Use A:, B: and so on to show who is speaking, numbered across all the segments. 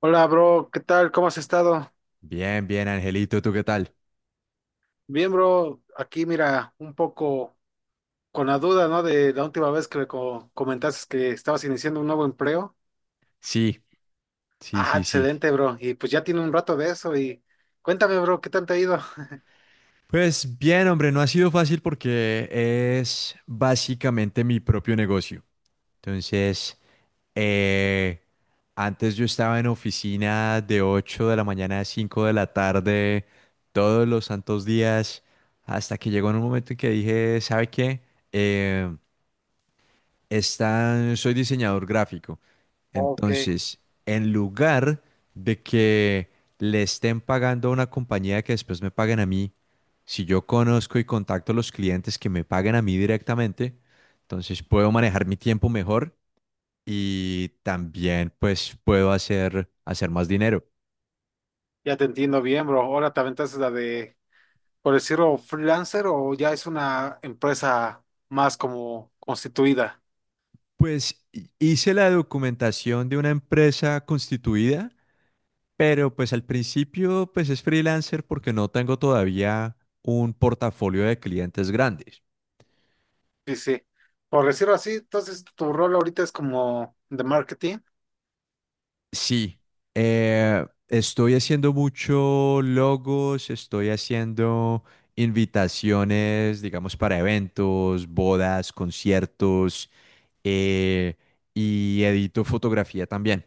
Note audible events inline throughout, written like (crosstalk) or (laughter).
A: Hola, bro, ¿qué tal? ¿Cómo has estado?
B: Bien, bien, Angelito, ¿tú qué tal?
A: Bien, bro, aquí mira, un poco con la duda, ¿no? De la última vez que me comentaste que estabas iniciando un nuevo empleo.
B: Sí, sí,
A: Ah,
B: sí, sí.
A: excelente, bro. Y pues ya tiene un rato de eso y cuéntame, bro, ¿qué tal te ha ido?
B: Pues bien, hombre, no ha sido fácil porque es básicamente mi propio negocio. Entonces, eh, antes yo estaba en oficina de 8 de la mañana a 5 de la tarde, todos los santos días, hasta que llegó en un momento en que dije, ¿sabe qué? Eh, está, soy diseñador gráfico.
A: Ok.
B: Entonces, en lugar de que le estén pagando a una compañía que después me paguen a mí, si yo conozco y contacto a los clientes que me paguen a mí directamente, entonces puedo manejar mi tiempo mejor y también pues puedo hacer más dinero.
A: Ya te entiendo bien, bro. Ahora te aventaste la de, por decirlo, freelancer o ya es una empresa más como constituida.
B: Pues hice la documentación de una empresa constituida. Pero pues al principio pues es freelancer porque no tengo todavía un portafolio de clientes grandes.
A: Sí, sí. Por decirlo así, entonces tu rol ahorita es como de marketing.
B: Sí, estoy haciendo mucho logos, estoy haciendo invitaciones, digamos, para eventos, bodas, conciertos, eh, y edito fotografía también.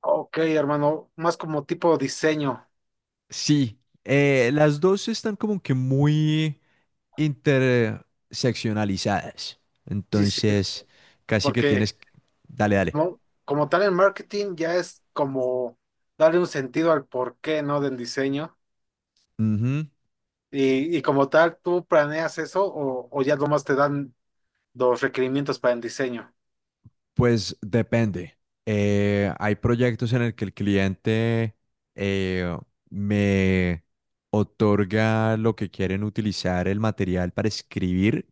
A: Ok, hermano, más como tipo diseño.
B: Sí, las dos están como que muy interseccionalizadas.
A: Sí, sí,
B: Entonces, casi que
A: porque
B: tienes... Dale, dale.
A: ¿no? Como tal en marketing ya es como darle un sentido al porqué, ¿no? Del diseño.
B: Ujú.
A: Y como tal, ¿tú planeas eso o ya nomás te dan los requerimientos para el diseño?
B: Pues depende. Hay proyectos en el que el cliente eh, me otorga lo que quieren utilizar el material para escribir,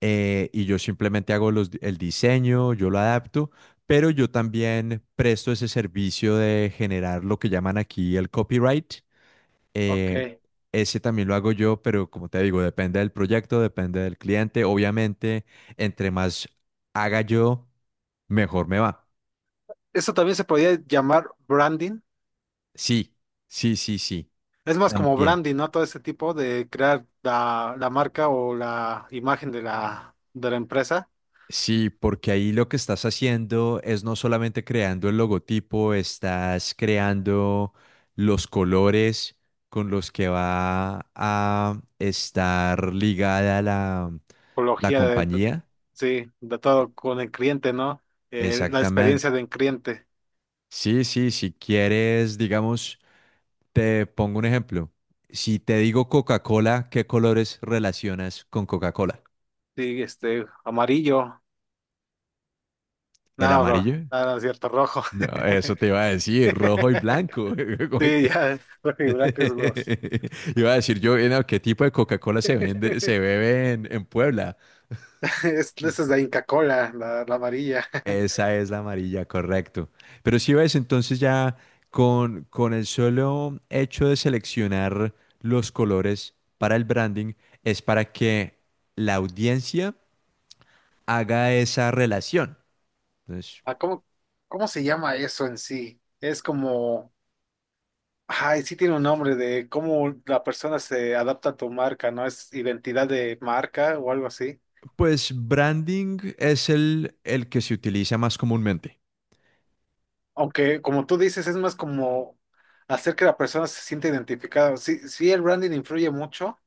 B: y yo simplemente hago el diseño, yo lo adapto, pero yo también presto ese servicio de generar lo que llaman aquí el copyright.
A: Ok.
B: Eh, ese también lo hago yo, pero como te digo, depende del proyecto, depende del cliente. Obviamente, entre más haga yo, mejor me va.
A: Eso también se podría llamar branding.
B: Sí, sí, sí, sí.
A: Es más como
B: También.
A: branding, ¿no? Todo ese tipo de crear la marca o la imagen de la empresa.
B: Sí, porque ahí lo que estás haciendo es no solamente creando el logotipo, estás creando los colores con los que va a estar ligada la
A: Apología de,
B: compañía.
A: sí, de todo con el cliente, ¿no? La experiencia
B: Exactamente.
A: del cliente.
B: Sí, sí, si quieres, digamos, te pongo un ejemplo. Si te digo Coca-Cola, ¿qué colores relacionas con Coca-Cola?
A: Sí, este, amarillo.
B: ¿El
A: No, bro,
B: amarillo?
A: no, no es cierto, rojo.
B: No, eso te iba a decir, rojo y
A: (laughs)
B: blanco. (laughs) Como
A: Sí,
B: que-
A: ya, rojo y blanco es los.
B: (laughs) Iba a decir yo, no, ¿qué tipo de Coca-Cola se vende, se
A: (laughs)
B: bebe en Puebla?
A: Es, esa es la Inca Cola, la amarilla. (laughs)
B: Esa es la amarilla, correcto. Pero si ves, entonces ya con el solo hecho de seleccionar los colores para el branding, es para que la audiencia haga esa relación. Entonces,
A: Ah, ¿cómo, cómo se llama eso en sí? Es como, ay, sí tiene un nombre de cómo la persona se adapta a tu marca, ¿no? Es identidad de marca o algo así.
B: pues branding es el que se utiliza más comúnmente.
A: Aunque, como tú dices, es más como hacer que la persona se sienta identificada. Sí, sí, el branding influye mucho,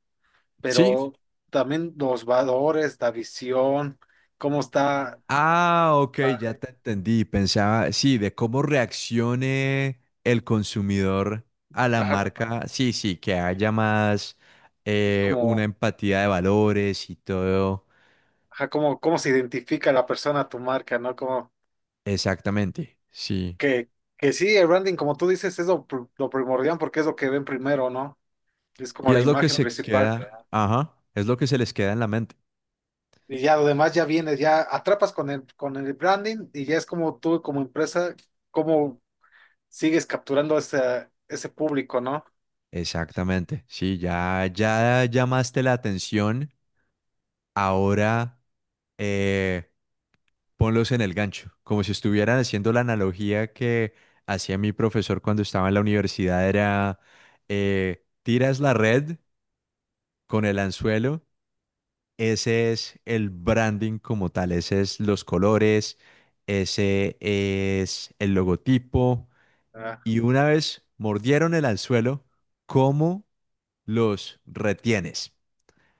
B: Sí.
A: pero también los valores, la visión, cómo está,
B: Ah, ok, ya
A: ah,
B: te entendí. Pensaba, sí, de cómo reaccione el consumidor a la
A: ajá,
B: marca. Sí, sí, que haya más,
A: como,
B: una empatía de valores y todo.
A: ajá, cómo, cómo se identifica la persona a tu marca, ¿no? Como
B: Exactamente, sí.
A: que, que sí, el branding, como tú dices, es lo, lo primordial porque es lo que ven primero, ¿no? Es como
B: Y
A: la
B: es lo que
A: imagen
B: se
A: principal.
B: queda, ajá, es lo que se les queda en la mente.
A: Y ya lo demás ya viene, ya atrapas con el branding y ya es como tú, como empresa, como sigues capturando ese, ese público, ¿no?
B: Exactamente, sí, ya, ya llamaste la atención. Ahora, eh, ponlos en el gancho, como si estuvieran haciendo la analogía que hacía mi profesor cuando estaba en la universidad, era, tiras la red con el anzuelo, ese es el branding como tal, ese es los colores, ese es el logotipo,
A: Ah,
B: y una vez mordieron el anzuelo, ¿cómo los retienes?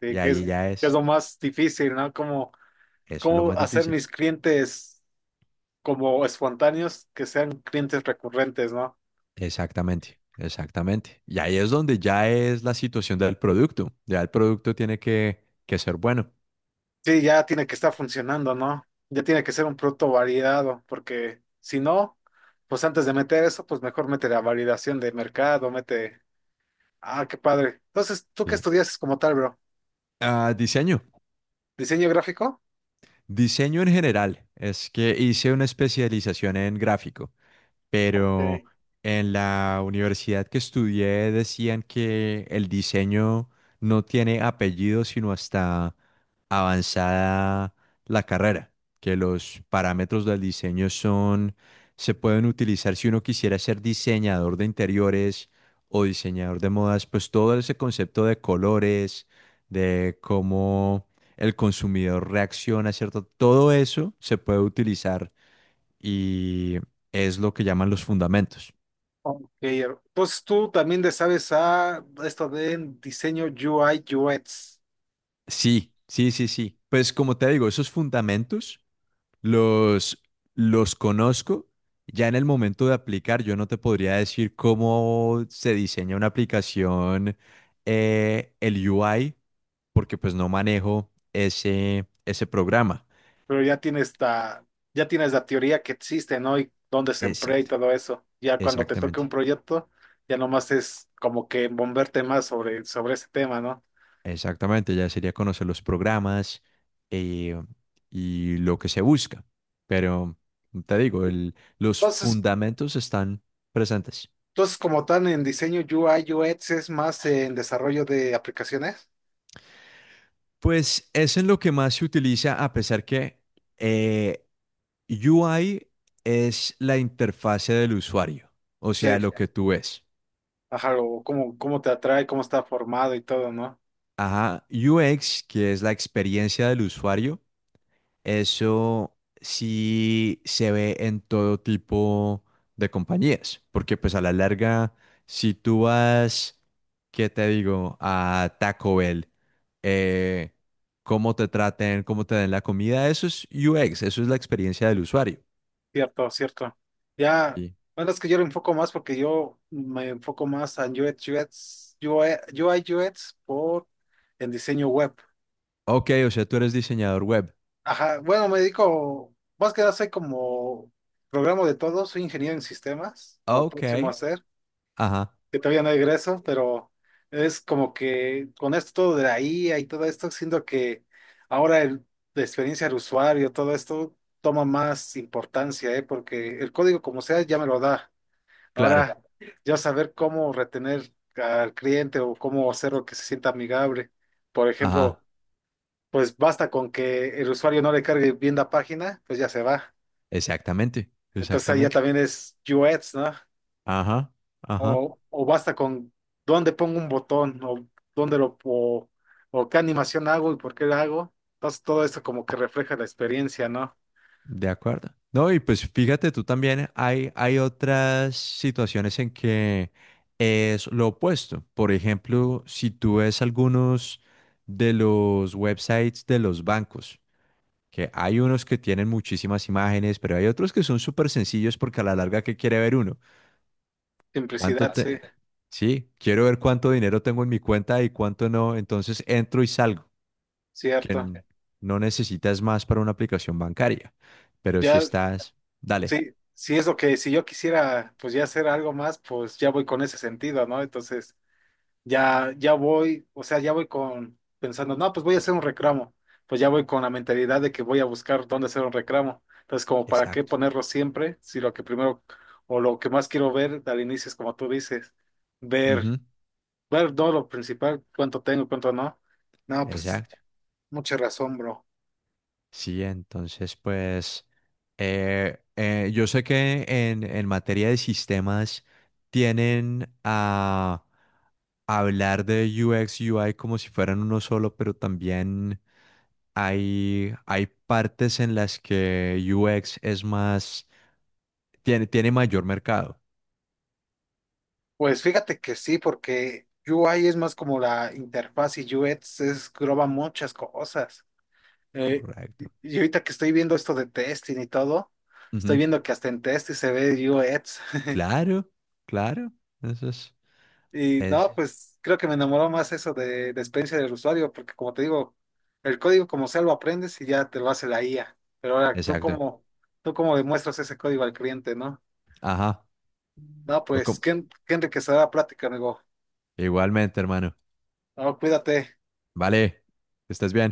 A: sí,
B: Y ahí ya
A: que es
B: es,
A: lo más difícil, ¿no? Como,
B: eso es lo
A: cómo
B: más
A: hacer
B: difícil.
A: mis clientes como espontáneos que sean clientes recurrentes, ¿no?
B: Exactamente, exactamente. Y ahí es donde ya es la situación del producto. Ya el producto tiene que ser bueno.
A: Sí, ya tiene que estar funcionando, ¿no? Ya tiene que ser un producto validado, porque si no, pues antes de meter eso, pues mejor mete la validación de mercado, mete... Ah, qué padre. Entonces, ¿tú qué
B: Sí.
A: estudias como tal, bro?
B: Ah, diseño.
A: ¿Diseño gráfico?
B: Diseño en general. Es que hice una especialización en gráfico, pero
A: Ok.
B: en la universidad que estudié decían que el diseño no tiene apellido sino hasta avanzada la carrera, que los parámetros del diseño son, se pueden utilizar si uno quisiera ser diseñador de interiores o diseñador de modas, pues todo ese concepto de colores, de cómo el consumidor reacciona, ¿cierto? Todo eso se puede utilizar y es lo que llaman los fundamentos.
A: Ok, entonces tú también le sabes a esto de diseño UI UX,
B: Sí, sí, sí, sí. Pues como te digo, esos fundamentos los, los conozco. Ya en el momento de aplicar, yo no te podría decir cómo se diseña una aplicación, el UI, porque pues no manejo ese programa.
A: pero ya tienes la teoría que existe, ¿no? Y dónde se emplea y
B: Exacto,
A: todo eso. Ya cuando te toque un
B: exactamente.
A: proyecto, ya nomás es como que bomberte más sobre, sobre ese tema, ¿no?
B: Exactamente, ya sería conocer los programas, eh, y lo que se busca. Pero te digo, los
A: Entonces,
B: fundamentos están presentes.
A: entonces, como tal en diseño UI UX es más en desarrollo de aplicaciones.
B: Pues es en lo que más se utiliza, a pesar que, eh, UI es la interfase del usuario, o
A: Sí.
B: sea, lo que tú ves.
A: Ajá, o cómo, cómo te atrae, cómo está formado y todo, ¿no?
B: Ajá, UX, que es la experiencia del usuario. Eso sí se ve en todo tipo de compañías, porque pues a la larga, si tú vas, ¿qué te digo? A Taco Bell, eh, cómo te traten, cómo te den la comida, eso es UX, eso es la experiencia del usuario.
A: Cierto, cierto. Ya,
B: Y,
A: bueno, es que yo lo enfoco más porque yo me enfoco más en UX, UX, UI, UX por en diseño web.
B: ok, o sea, tú eres diseñador web.
A: Ajá, bueno, me dedico, más que nada soy como programa de todo, soy ingeniero en sistemas, o
B: Ok,
A: próximo a ser,
B: ajá,
A: que todavía no egreso, pero es como que con esto todo de la IA y todo esto, siento que ahora el, la experiencia del usuario, todo esto toma más importancia, ¿eh? Porque el código como sea ya me lo da.
B: claro,
A: Ahora, ya saber cómo retener al cliente o cómo hacerlo que se sienta amigable. Por
B: ajá,
A: ejemplo, pues basta con que el usuario no le cargue bien la página, pues ya se va.
B: exactamente,
A: Entonces ahí ya
B: exactamente,
A: también es UX, ¿no?
B: ajá, ajá.
A: O basta con dónde pongo un botón o dónde lo o qué animación hago y por qué la hago. Entonces todo esto como que refleja la experiencia, ¿no?
B: De acuerdo. No, y pues fíjate tú también, hay otras situaciones en que es lo opuesto. Por ejemplo, si tú ves algunos de los websites de los bancos, que hay unos que tienen muchísimas imágenes, pero hay otros que son súper sencillos porque a la larga, ¿qué quiere ver uno? ¿Cuánto
A: Simplicidad,
B: te...
A: sí,
B: Sí, quiero ver cuánto dinero tengo en mi cuenta y cuánto no. Entonces entro y salgo, que
A: cierto.
B: no necesitas más para una aplicación bancaria. Pero si
A: Ya
B: estás... Dale.
A: sí, sí es lo que si yo quisiera pues ya hacer algo más, pues ya voy con ese sentido, ¿no? Entonces ya, ya voy, o sea, ya voy con pensando, no, pues voy a hacer un reclamo, pues ya voy con la mentalidad de que voy a buscar dónde hacer un reclamo. Entonces, como para qué
B: Exacto.
A: ponerlo siempre, si lo que primero o lo que más quiero ver al inicio es como tú dices, ver,
B: Ujú.
A: ver todo lo principal, cuánto tengo, cuánto no. No, pues
B: Exacto.
A: mucha razón, bro.
B: Sí, entonces, pues, yo sé que en materia de sistemas tienen a hablar de UX, UI como si fueran uno solo, pero también hay partes en las que UX es más, tiene mayor mercado.
A: Pues fíjate que sí, porque UI es más como la interfaz y UX es engloba muchas cosas. Eh, y
B: Correcto.
A: y ahorita que estoy viendo esto de testing y todo, estoy
B: Ujú.
A: viendo que hasta en testing se ve UX. (laughs)
B: Claro, claro. Eso
A: Y
B: es,
A: no, pues creo que me enamoró más eso de experiencia del usuario, porque como te digo, el código como sea lo aprendes y ya te lo hace la IA. Pero ahora
B: exacto.
A: tú cómo demuestras ese código al cliente, ¿no?
B: Ajá.
A: No,
B: O
A: pues
B: com-
A: qué, qué enriquecedora plática, amigo.
B: Igualmente, hermano.
A: No, cuídate.
B: Vale, que estés bien.